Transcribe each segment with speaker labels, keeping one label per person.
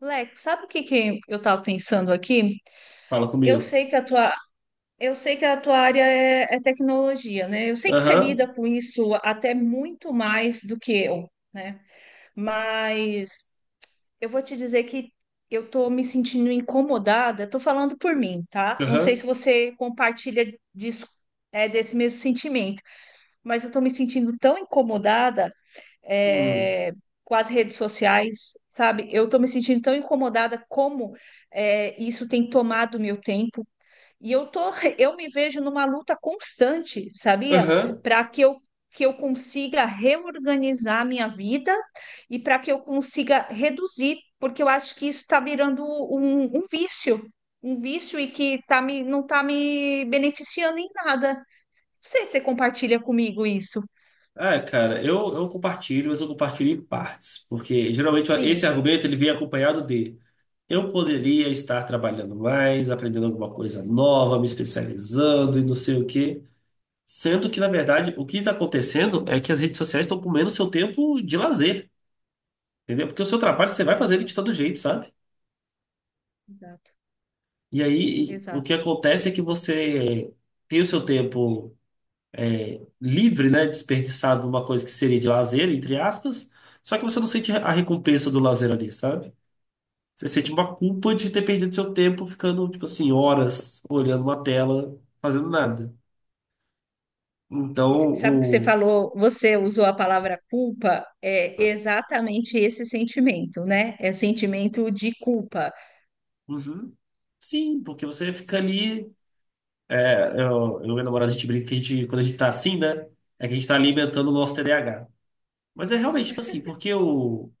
Speaker 1: Lex, sabe o que que eu estava pensando aqui?
Speaker 2: Fala
Speaker 1: Eu
Speaker 2: comigo.
Speaker 1: sei que a tua, eu sei que a tua área é tecnologia, né? Eu sei que você
Speaker 2: Aham,
Speaker 1: lida com isso até muito mais do que eu, né? Mas eu vou te dizer que eu estou me sentindo incomodada, estou falando por mim, tá? Não sei
Speaker 2: aham,
Speaker 1: se você compartilha disso, desse mesmo sentimento, mas eu estou me sentindo tão incomodada
Speaker 2: hum,
Speaker 1: é, com as redes sociais, sabe? Eu tô me sentindo tão incomodada como isso tem tomado meu tempo. E eu tô, eu me vejo numa luta constante, sabia?
Speaker 2: aham.
Speaker 1: Para que eu consiga reorganizar a minha vida e para que eu consiga reduzir, porque eu acho que isso está virando um vício e que tá me, não está me beneficiando em nada. Não sei se você compartilha comigo isso.
Speaker 2: Ah, cara, eu compartilho, mas eu compartilho em partes, porque geralmente esse
Speaker 1: Sim,
Speaker 2: argumento ele vem acompanhado de eu poderia estar trabalhando mais, aprendendo alguma coisa nova, me especializando e não sei o quê. Sendo que, na verdade, o que está acontecendo é que as redes sociais estão comendo o seu tempo de lazer, entendeu? Porque o seu trabalho você vai fazer ele
Speaker 1: exato,
Speaker 2: de todo jeito, sabe?
Speaker 1: exato.
Speaker 2: E aí, o que
Speaker 1: Exato.
Speaker 2: acontece é que você tem o seu tempo, é, livre, né, desperdiçado numa coisa que seria de lazer, entre aspas, só que você não sente a recompensa do lazer ali, sabe? Você sente uma culpa de ter perdido seu tempo ficando, tipo assim, horas olhando uma tela, fazendo nada. Então,
Speaker 1: Sabe que você
Speaker 2: o...
Speaker 1: falou, você usou a palavra culpa, é exatamente esse sentimento, né? É o sentimento de culpa.
Speaker 2: Uhum. Sim, porque você fica ali... É, eu e minha namorada, a gente brinca que a gente, quando a gente tá assim, né, é que a gente tá alimentando o nosso TDAH. Mas é realmente, tipo assim, porque o...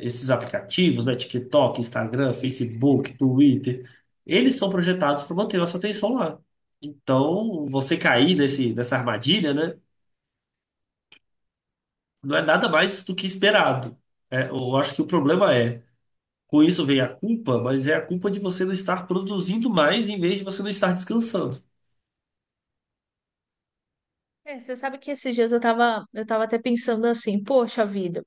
Speaker 2: Esses aplicativos, né, TikTok, Instagram, Facebook, Twitter, eles são projetados para manter nossa atenção lá. Então, você cair nessa armadilha, né, não é nada mais do que esperado. É, eu acho que o problema é, com isso vem a culpa, mas é a culpa de você não estar produzindo mais em vez de você não estar descansando.
Speaker 1: É, você sabe que esses dias eu tava até pensando assim, poxa vida,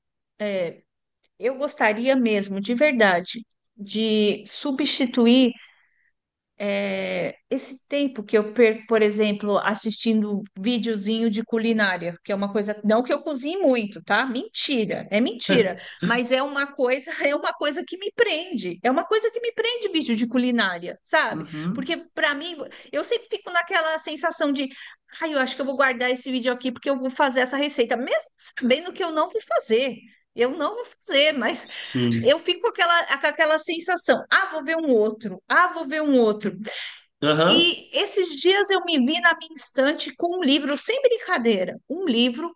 Speaker 1: eu gostaria mesmo, de verdade, de substituir esse tempo que eu perco, por exemplo, assistindo videozinho de culinária, que é uma coisa, não que eu cozinhe muito, tá? Mentira, é mentira, mas é uma coisa, é uma coisa que me prende, é uma coisa que me prende vídeo de culinária, sabe?
Speaker 2: Uhum.
Speaker 1: Porque para mim, eu sempre fico naquela sensação de, ai, eu acho que eu vou guardar esse vídeo aqui porque eu vou fazer essa receita, mesmo sabendo que eu não vou fazer. Eu não vou fazer, mas
Speaker 2: Sim.
Speaker 1: eu fico com aquela sensação, ah, vou ver um outro, ah, vou ver um outro.
Speaker 2: Aham,
Speaker 1: E esses dias eu me vi na minha estante com um livro, sem brincadeira, um livro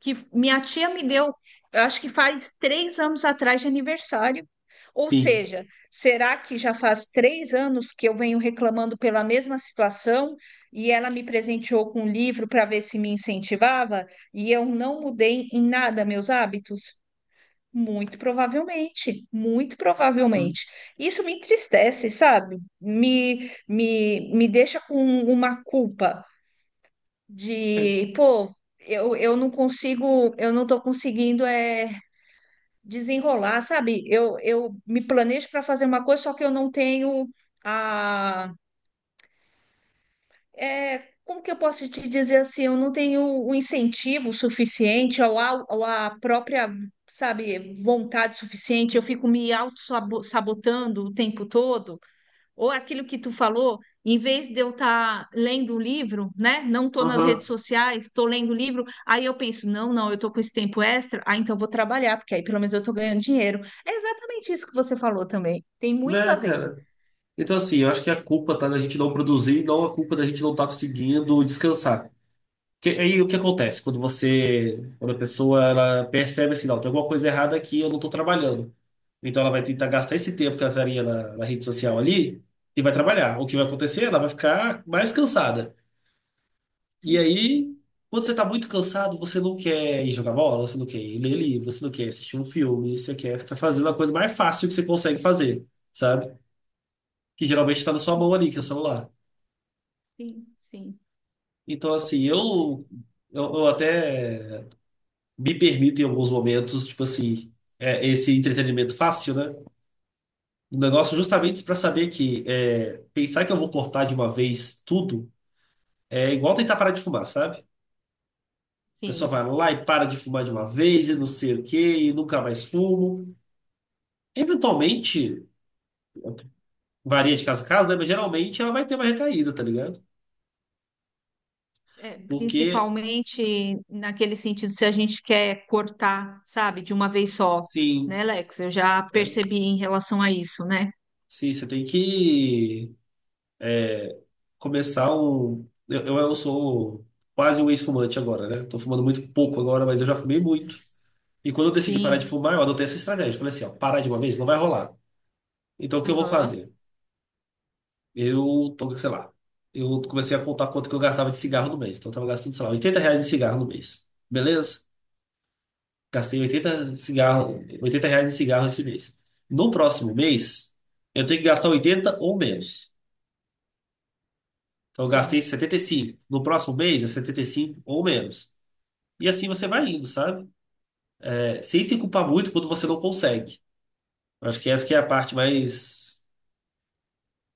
Speaker 1: que minha tia me deu, eu acho que faz 3 anos atrás de aniversário. Ou
Speaker 2: sim.
Speaker 1: seja, será que já faz 3 anos que eu venho reclamando pela mesma situação e ela me presenteou com um livro para ver se me incentivava e eu não mudei em nada meus hábitos? Muito provavelmente, muito
Speaker 2: Uhum.
Speaker 1: provavelmente. Isso me entristece, sabe? Me deixa com uma culpa
Speaker 2: É.
Speaker 1: de, pô, eu não consigo, eu não tô conseguindo desenrolar, sabe? Eu me planejo para fazer uma coisa, só que eu não tenho é, como que eu posso te dizer assim? Eu não tenho o incentivo suficiente ou ou a própria, sabe, vontade suficiente. Eu fico me auto-sabotando o tempo todo. Ou aquilo que tu falou, em vez de eu estar lendo o livro, né? Não estou nas redes
Speaker 2: Aham.
Speaker 1: sociais, estou lendo o livro. Aí eu penso, não, não, eu estou com esse tempo extra, ah, então eu vou trabalhar, porque aí pelo menos eu estou ganhando dinheiro. É exatamente isso que você falou também. Tem muito
Speaker 2: Né,
Speaker 1: a ver.
Speaker 2: cara? Então, assim, eu acho que a culpa tá da gente não produzir, não a culpa da gente não estar conseguindo descansar. Aí o que acontece quando você, quando a pessoa ela percebe assim, não, tem alguma coisa errada aqui, eu não estou trabalhando. Então ela vai tentar gastar esse tempo que ela estaria na rede social ali e vai trabalhar. O que vai acontecer? Ela vai ficar mais cansada. E
Speaker 1: Sim,
Speaker 2: aí, quando você está muito cansado, você não quer ir jogar bola, você não quer ir ler livro, você não quer assistir um filme, você quer ficar fazendo a coisa mais fácil que você consegue fazer, sabe? Que geralmente está na sua mão ali, que é o celular.
Speaker 1: sim, sim,
Speaker 2: Então assim, eu até me permito em alguns momentos, tipo assim, esse entretenimento fácil, né? Um negócio justamente pra saber que é, pensar que eu vou cortar de uma vez tudo é igual tentar parar de fumar, sabe? A pessoa
Speaker 1: sim.
Speaker 2: vai lá e para de fumar de uma vez e não sei o quê, e nunca mais fumo. Eventualmente, varia de caso a caso, né? Mas geralmente ela vai ter uma recaída, tá ligado?
Speaker 1: É,
Speaker 2: Porque,
Speaker 1: principalmente naquele sentido, se a gente quer cortar, sabe, de uma vez só,
Speaker 2: sim,
Speaker 1: né, Lex? Eu já
Speaker 2: é,
Speaker 1: percebi em relação a isso, né?
Speaker 2: sim, você tem que, é, começar um. Eu sou quase um ex-fumante agora, né? Tô fumando muito pouco agora, mas eu já fumei muito. E quando eu decidi parar de
Speaker 1: Sim,
Speaker 2: fumar, eu adotei essa estratégia. Falei assim, ó, parar de uma vez não vai rolar. Então o que eu vou
Speaker 1: aham,
Speaker 2: fazer? Eu tô, sei lá, eu comecei a contar quanto que eu gastava de cigarro no mês. Então eu tava gastando, sei lá, R$ 80 em cigarro no mês. Beleza? Gastei 80 cigarro, R$ 80 em cigarro esse mês. No próximo mês, eu tenho que gastar 80 ou menos. Então eu gastei
Speaker 1: sim,
Speaker 2: 75. No próximo mês é 75 ou menos. E assim você vai indo, sabe? É, sem se culpar muito quando você não consegue. Eu acho que essa que é a parte mais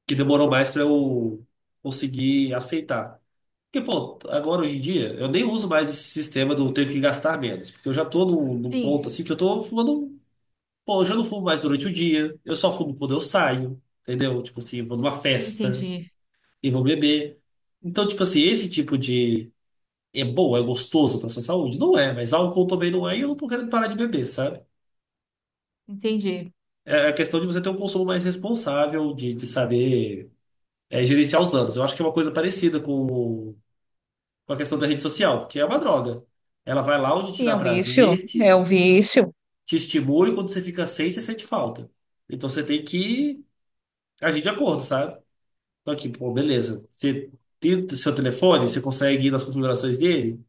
Speaker 2: que demorou mais pra eu conseguir aceitar. Porque, pô, agora hoje em dia eu nem uso mais esse sistema do tenho que gastar menos, porque eu já tô num ponto
Speaker 1: sim,
Speaker 2: assim que eu tô fumando, pô, eu já não fumo mais durante o dia, eu só fumo quando eu saio, entendeu? Tipo assim, vou numa festa
Speaker 1: entendi,
Speaker 2: e vou beber. Então, tipo assim, esse tipo de é bom, é gostoso pra sua saúde? Não é, mas álcool também não é e eu não tô querendo parar de beber, sabe?
Speaker 1: entendi.
Speaker 2: É a questão de você ter um consumo mais responsável, de saber, gerenciar os danos. Eu acho que é uma coisa parecida com a questão da rede social, porque é uma droga. Ela vai lá onde te
Speaker 1: Sim, é
Speaker 2: dá
Speaker 1: um vício,
Speaker 2: prazer,
Speaker 1: é
Speaker 2: te,
Speaker 1: um vício.
Speaker 2: te estimula e quando você fica sem, você sente falta. Então você tem que agir de acordo, sabe? Então aqui, pô, beleza. Você tem o seu telefone, você consegue ir nas configurações dele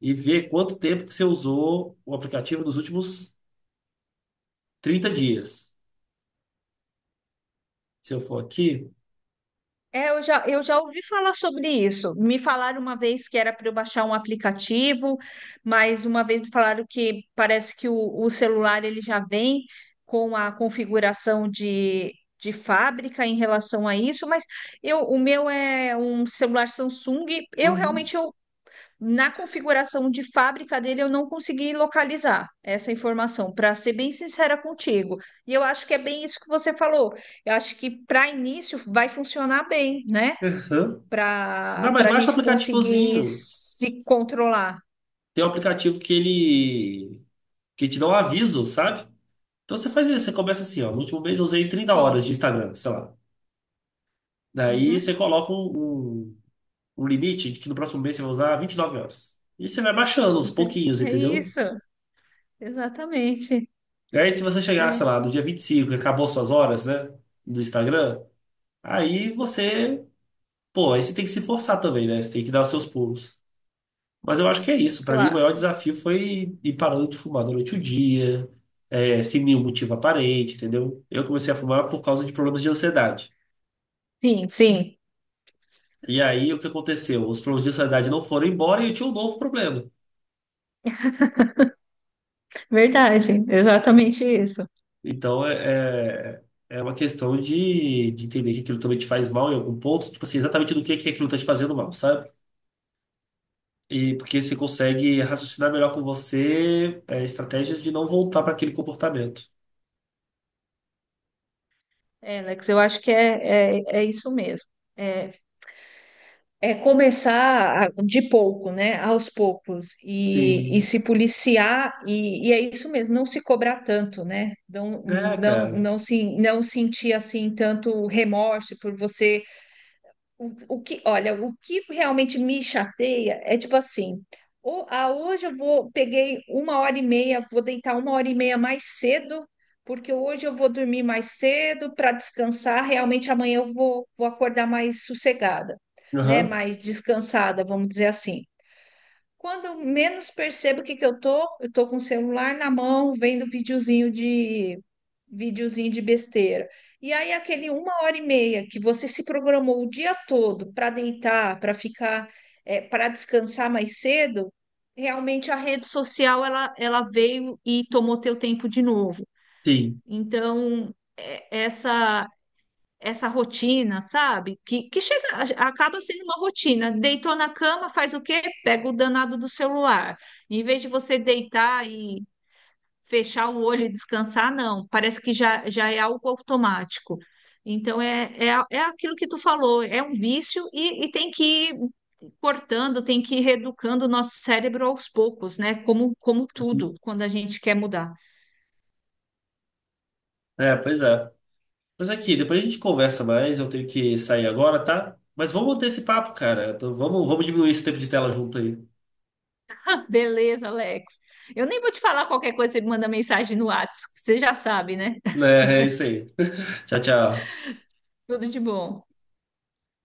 Speaker 2: e ver quanto tempo que você usou o aplicativo nos últimos 30 dias. Se eu for aqui.
Speaker 1: É, eu já ouvi falar sobre isso. Me falaram uma vez que era para eu baixar um aplicativo, mas uma vez me falaram que parece que o celular ele já vem com a configuração de fábrica em relação a isso, mas o meu é um celular Samsung. Eu
Speaker 2: Uhum.
Speaker 1: realmente na configuração de fábrica dele, eu não consegui localizar essa informação, para ser bem sincera contigo. E eu acho que é bem isso que você falou. Eu acho que para início vai funcionar bem, né?
Speaker 2: Aham. Não, mas
Speaker 1: Para a
Speaker 2: baixa o
Speaker 1: gente conseguir
Speaker 2: aplicativozinho.
Speaker 1: se controlar.
Speaker 2: Tem um aplicativo que ele que te dá um aviso, sabe? Então você faz isso, você começa assim, ó, no último mês eu usei 30 horas
Speaker 1: Sim.
Speaker 2: de Instagram, sei lá. Daí você
Speaker 1: Uhum.
Speaker 2: coloca um limite de que no próximo mês você vai usar 29 horas. E você vai baixando aos pouquinhos,
Speaker 1: É
Speaker 2: entendeu?
Speaker 1: isso, exatamente.
Speaker 2: E aí se você chegar, sei
Speaker 1: É,
Speaker 2: lá, no dia 25 e cinco e acabou suas horas, né, do Instagram, aí você, pô, aí você tem que se forçar também, né? Você tem que dar os seus pulos. Mas eu acho que é isso. Para mim, o maior
Speaker 1: claro.
Speaker 2: desafio foi ir parando de fumar durante o dia, sem nenhum motivo aparente, entendeu? Eu comecei a fumar por causa de problemas de ansiedade.
Speaker 1: Sim, sim,
Speaker 2: E aí, o que aconteceu? Os problemas de ansiedade não foram embora e eu tinha um novo problema.
Speaker 1: verdade. Exatamente isso.
Speaker 2: Então, é uma questão de entender que aquilo também te faz mal em algum ponto, tipo assim, exatamente do que aquilo está te fazendo mal, sabe? E porque você consegue raciocinar melhor com você, estratégias de não voltar para aquele comportamento.
Speaker 1: É, Alex, eu acho que é isso mesmo. É, é começar a- de pouco, né? Aos poucos, e
Speaker 2: Sim.
Speaker 1: se policiar, e é isso mesmo, não se cobrar tanto, né? Não,
Speaker 2: É,
Speaker 1: não,
Speaker 2: cara.
Speaker 1: não, se, não sentir assim tanto remorso por você o que, olha, o que realmente me chateia é tipo assim, hoje eu vou, peguei uma hora e meia, vou deitar uma hora e meia mais cedo, porque hoje eu vou dormir mais cedo para descansar, realmente amanhã vou acordar mais sossegada, né?
Speaker 2: Aham.
Speaker 1: Mais descansada, vamos dizer assim. Quando eu menos percebo o que que eu tô com o celular na mão, vendo videozinho de besteira. E aí aquele uma hora e meia que você se programou o dia todo para deitar, para ficar, para descansar mais cedo, realmente a rede social ela veio e tomou teu tempo de novo.
Speaker 2: Sim.
Speaker 1: Então, essa rotina, sabe? Que chega, acaba sendo uma rotina. Deitou na cama, faz o quê? Pega o danado do celular. Em vez de você deitar e fechar o olho e descansar, não. Parece que já é algo automático. Então, é aquilo que tu falou, é um vício e tem que ir cortando, tem que ir reeducando o nosso cérebro aos poucos, né? Como, como tudo, quando a gente quer mudar.
Speaker 2: É, pois é. Mas aqui, depois a gente conversa mais. Eu tenho que sair agora, tá? Mas vamos manter esse papo, cara. Então, vamos diminuir esse tempo de tela junto aí.
Speaker 1: Beleza, Alex. Eu nem vou te falar qualquer coisa, você me manda mensagem no WhatsApp, você já sabe, né?
Speaker 2: Né, é isso aí. Tchau, tchau.
Speaker 1: Tudo de bom.